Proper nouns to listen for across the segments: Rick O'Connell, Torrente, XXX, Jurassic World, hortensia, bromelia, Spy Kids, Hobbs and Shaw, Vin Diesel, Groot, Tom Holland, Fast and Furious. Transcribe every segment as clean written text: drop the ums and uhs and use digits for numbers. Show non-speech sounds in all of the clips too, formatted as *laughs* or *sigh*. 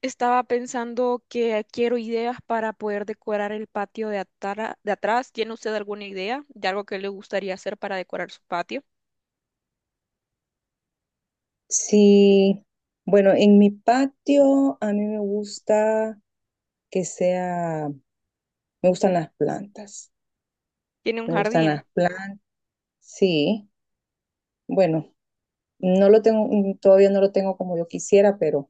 Estaba pensando que quiero ideas para poder decorar el patio de atrás. ¿Tiene usted alguna idea de algo que le gustaría hacer para decorar su patio? Sí, bueno, en mi patio a mí me gusta que sea, me gustan las plantas, Tiene un me gustan jardín. las plantas, sí, bueno, no lo tengo, todavía no lo tengo como yo quisiera, pero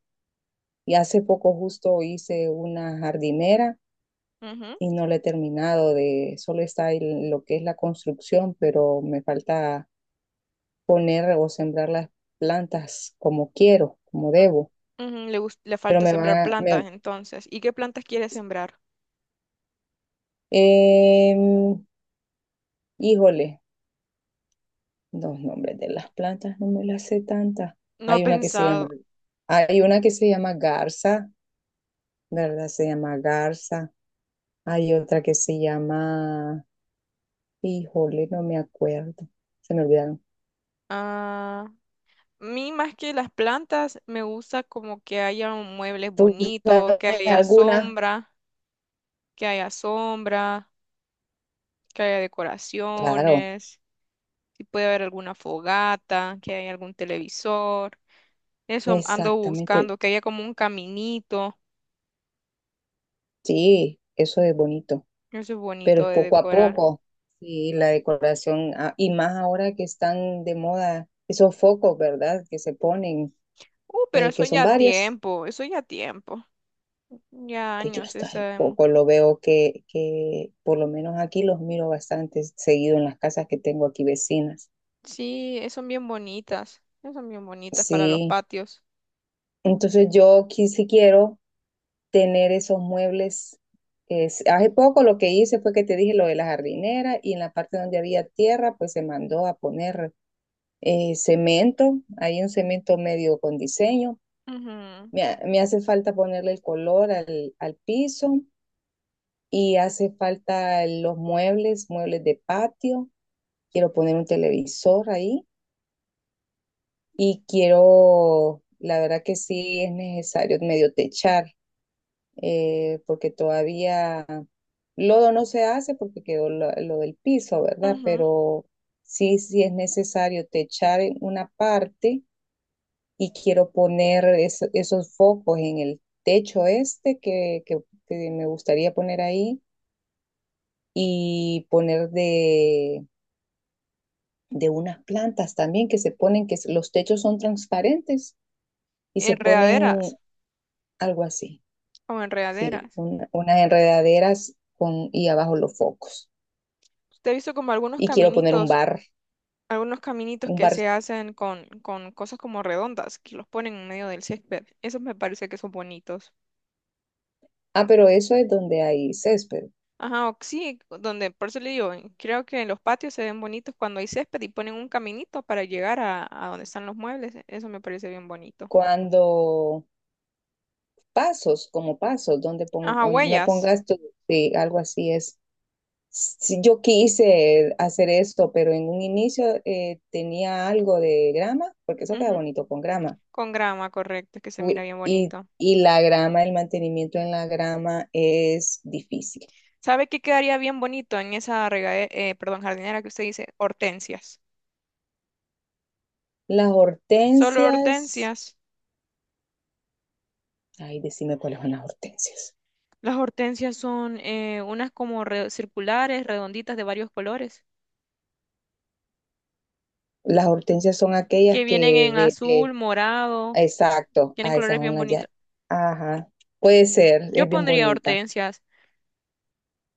y hace poco justo hice una jardinera Ujú. y no la he terminado solo está ahí lo que es la construcción, pero me falta poner o sembrar las plantas como quiero, como u- debo, Le pero falta me van sembrar a, plantas me, entonces. ¿Y qué plantas quiere sembrar? Em, híjole, los nombres de las plantas no me las sé tantas. No ha Hay una que se llama, pensado. hay una que se llama garza, ¿verdad? Se llama garza. Hay otra que se llama, híjole, no me acuerdo. Se me olvidaron. Ah, a mí más que las plantas, me gusta como que haya un muebles ¿Tú bonitos, que sabes haya alguna? sombra, que haya sombra, que haya Claro, decoraciones. Si puede haber alguna fogata, que haya algún televisor. Eso ando exactamente. buscando, que haya como un caminito. Sí, eso es bonito, Eso es pero bonito es de poco a decorar. poco. Sí, la decoración, ah, y más ahora que están de moda esos focos, ¿verdad? Que se ponen Pero eso que son ya varias, tiempo, eso ya tiempo. Ya pues yo años, ya hasta hace sabemos. poco lo veo que por lo menos aquí los miro bastante seguido en las casas que tengo aquí vecinas. Sí, son bien bonitas. Son bien bonitas para los Sí, patios. entonces sí quiero tener esos muebles. Hace poco lo que hice fue que te dije lo de la jardinera y en la parte donde había tierra, pues se mandó a poner cemento, hay un cemento medio con diseño. Ujú, Me hace falta ponerle el color al piso y hace falta los muebles, muebles de patio. Quiero poner un televisor ahí y quiero, la verdad que sí es necesario medio techar, porque todavía lodo no se hace porque quedó lo del piso, ¿verdad? ujú. Pero sí, sí es necesario techar en una parte y quiero poner esos focos en el techo este que me gustaría poner ahí y poner de unas plantas también que se ponen, que los techos son transparentes y se Enredaderas ponen algo así, o sí, enredaderas. Unas enredaderas con, y abajo los focos. Usted ha visto como algunos Y quiero poner caminitos, algunos caminitos un que bar, se hacen con cosas como redondas, que los ponen en medio del césped. Esos me parece que son bonitos. ah, pero eso es donde hay césped. Ajá, o sí, donde, por eso le digo, creo que los patios se ven bonitos cuando hay césped y ponen un caminito para llegar a donde están los muebles. Eso me parece bien bonito. Cuando pasos, como pasos, donde Ajá, no huellas. pongas tu, sí, algo así es. Sí, yo quise hacer esto, pero en un inicio tenía algo de grama, porque eso queda Ujú, bonito con grama. con grama, correcto, que se mira Uy, bien Y, bonito. y la grama, el mantenimiento en la grama es difícil. ¿Sabe qué quedaría bien bonito en esa regadera, perdón, jardinera que usted dice? Hortensias. Las Solo hortensias, hortensias. ay, decime cuáles son las hortensias. Las hortensias son unas como circulares, redonditas de varios colores, Las hortensias son aquellas que vienen que en de- azul, morado, exacto, tienen ah esas colores son bien las ya. bonitos. Ajá, puede ser, Yo es bien pondría bonita. hortensias.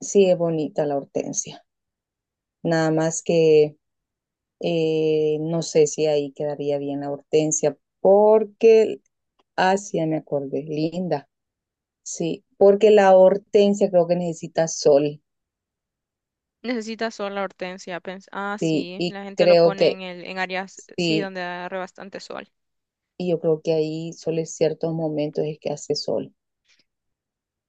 Sí, es bonita la hortensia. Nada más que no sé si ahí quedaría bien la hortensia, porque, ah, sí, ya me acordé, linda. Sí, porque la hortensia creo que necesita sol, Necesitas sol la hortensia. Ah, sí, sí, y la gente lo creo pone que en áreas, sí, sí, donde agarre bastante sol. y yo creo que ahí solo en ciertos momentos es que hace sol,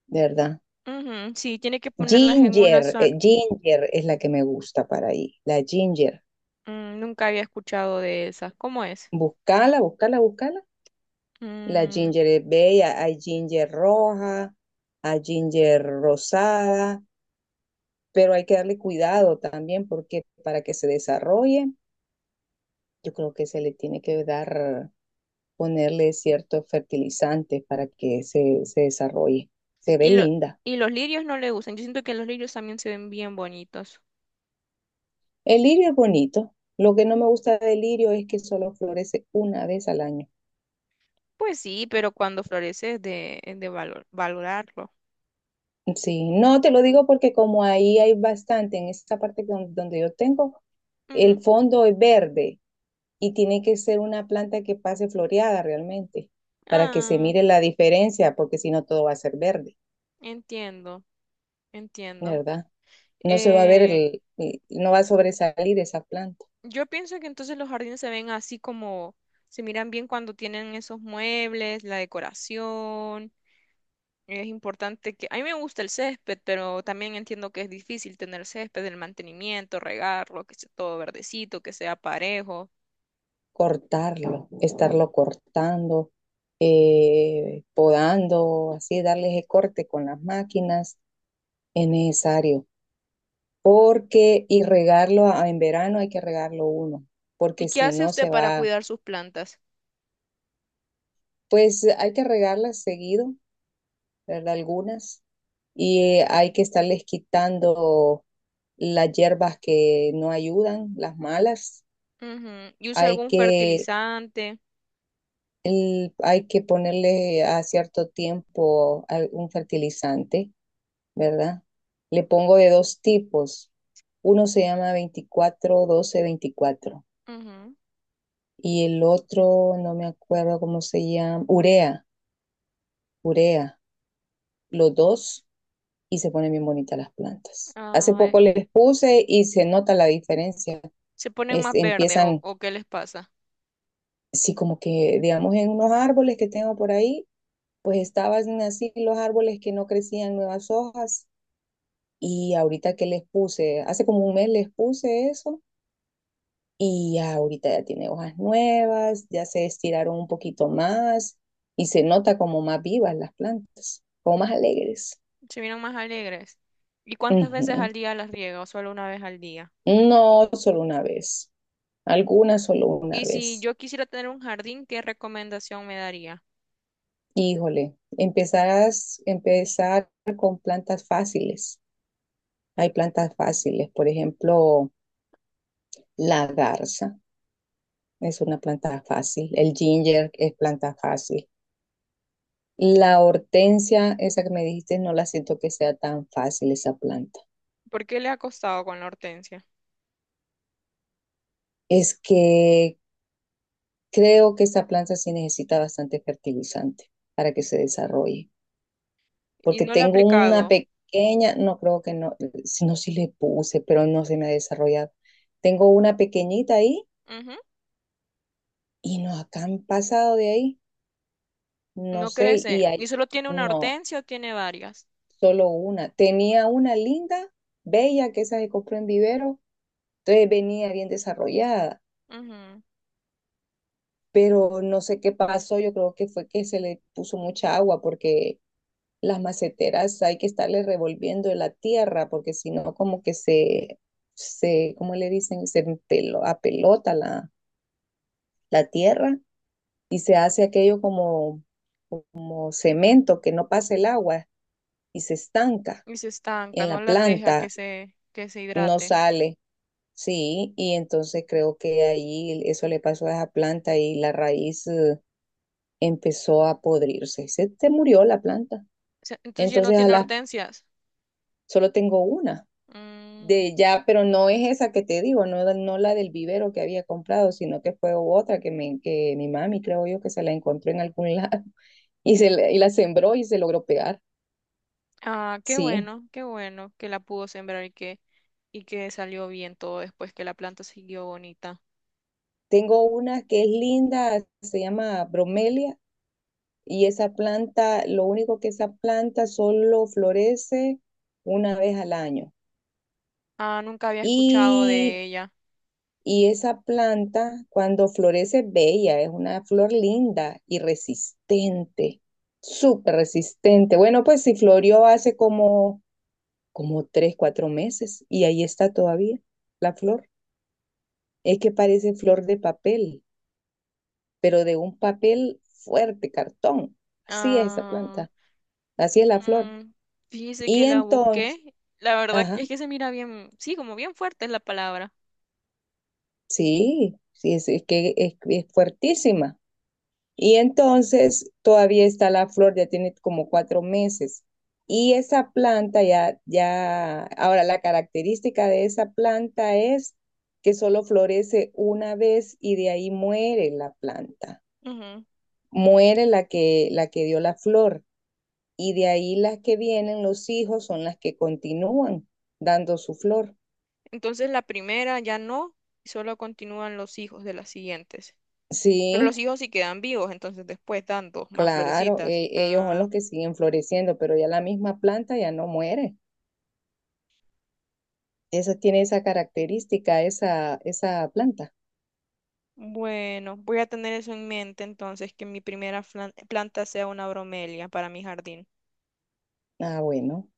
de ¿verdad? Ujú, sí, tiene que ponerlas en una Ginger, zona. Ginger es la que me gusta para ahí, la ginger. Mm, nunca había escuchado de esas. ¿Cómo es? Buscala, buscala, buscala. La Mm. ginger es bella, hay ginger roja, hay ginger rosada, pero hay que darle cuidado también porque para que se desarrolle. Yo creo que se le tiene que dar, ponerle ciertos fertilizantes para que se desarrolle. Se ve y, lo- linda. y los lirios no le gustan. Yo siento que los lirios también se ven bien bonitos. El lirio es bonito. Lo que no me gusta del lirio es que solo florece una vez al año. Pues sí, pero cuando florece es de valorarlo. Sí, no te lo digo porque como ahí hay bastante, en esta parte donde yo tengo, Ujú. el fondo es verde y tiene que ser una planta que pase floreada realmente para que se Ah, mire la diferencia, porque si no todo va a ser verde, entiendo, entiendo. ¿verdad? No se va a ver, Eh, no va a sobresalir esa planta. yo pienso que entonces los jardines se ven así como se miran bien cuando tienen esos muebles, la decoración. Es importante que... A mí me gusta el césped, pero también entiendo que es difícil tener césped, el mantenimiento, regarlo, que sea todo verdecito, que sea parejo. Cortarlo, estarlo cortando, podando, así, darle ese corte con las máquinas es necesario. Porque, y regarlo en verano hay que regarlo uno, ¿Y porque qué si hace no usted se para va, cuidar sus plantas? pues hay que regarlas seguido, ¿verdad? Algunas, y hay que estarles quitando las hierbas que no ayudan, las malas. Ujú. ¿Y usa Hay algún que fertilizante? Hay que ponerle a cierto tiempo un fertilizante, ¿verdad? Le pongo de dos tipos. Uno se llama 24-12-24 Ujú. y el otro, no me acuerdo cómo se llama, urea, urea, los dos y se ponen bien bonitas las plantas. Hace Ah, poco les puse y se nota la diferencia. ¿se ponen más verdes Empiezan, o qué les pasa? sí, como que, digamos, en unos árboles que tengo por ahí, pues estaban así los árboles que no crecían nuevas hojas. Y ahorita que les puse, hace como un mes les puse eso y ya ahorita ya tiene hojas nuevas, ya se estiraron un poquito más y se nota como más vivas las plantas, como más alegres. Se miran más alegres. ¿Y cuántas veces Ujú. al día las riega o solo una vez al día? Y, No solo una vez, algunas solo una y si vez. yo quisiera tener un jardín, ¿qué recomendación me daría? Híjole, empezás, empezar con plantas fáciles. Hay plantas fáciles, por ejemplo, la garza es una planta fácil, el ginger es planta fácil. La hortensia, esa que me dijiste, no la siento que sea tan fácil esa planta. ¿Por qué le ha costado con la hortensia? Es que creo que esa planta sí necesita bastante fertilizante para que se desarrolle. Y Porque no le ha tengo una aplicado. pequeña, no creo que no, si no, sí le puse, pero no se me ha desarrollado. Tengo una pequeñita ahí Ujú. y no, acá han pasado de ahí, no No sé, y crece. ¿Y hay, solo tiene una no, hortensia o tiene varias? solo una. Tenía una linda, bella, que esa que compré en vivero, entonces venía bien desarrollada Ujú. pero no sé qué pasó, yo creo que fue que se le puso mucha agua porque las maceteras hay que estarle revolviendo la tierra porque si no como que ¿cómo le dicen? Se pelo, apelota la tierra y se hace aquello como, como cemento que no pasa el agua y se estanca Y se estanca, en la no las deja que planta, que se no hidrate. sale. Sí, y entonces creo que ahí eso le pasó a esa planta y la raíz empezó a podrirse. Se murió la planta. O sea, entonces ya no Entonces, tiene hortensias. solo tengo una Mm. de ya, pero no es esa que te digo, no, no la del vivero que había comprado, sino que fue otra que mi mami, creo yo, que se la encontró en algún *laughs* lado y, y la sembró y se logró pegar. Ah, Sí, qué bueno que la pudo sembrar y que salió bien todo después que la planta siguió bonita. tengo una que es linda, se llama bromelia y esa planta, lo único que esa planta solo florece una vez al año. Ah, nunca había escuchado Y de ella. Y esa planta, cuando florece, es bella, es una flor linda y resistente, súper resistente. Bueno, pues si florió hace como 3, 4 meses y ahí está todavía la flor. Es que parece flor de papel, pero de un papel fuerte, cartón. Así es esa Ah, planta, así es la flor. mm, fíjese Y que la entonces, busqué. La verdad ajá, es que se mira bien, sí, como bien fuerte es la palabra. sí, sí, es que es fuertísima. Y entonces todavía está la flor, ya tiene como 4 meses. Y esa planta ahora la característica de esa planta es que solo florece una vez y de ahí muere la planta, Ujú. muere la que dio la flor. Y de ahí las que vienen, los hijos, son las que continúan dando su flor. Entonces la primera ya no, y solo continúan los hijos de las siguientes. Pero los Sí, hijos sí quedan vivos, entonces después dan dos más claro, florecitas. Ellos son Ah. los que siguen floreciendo, pero ya la misma planta ya no muere. Esa tiene esa característica, esa planta. Bueno, voy a tener eso en mente entonces, que mi primera planta sea una bromelia para mi jardín. Ah, bueno.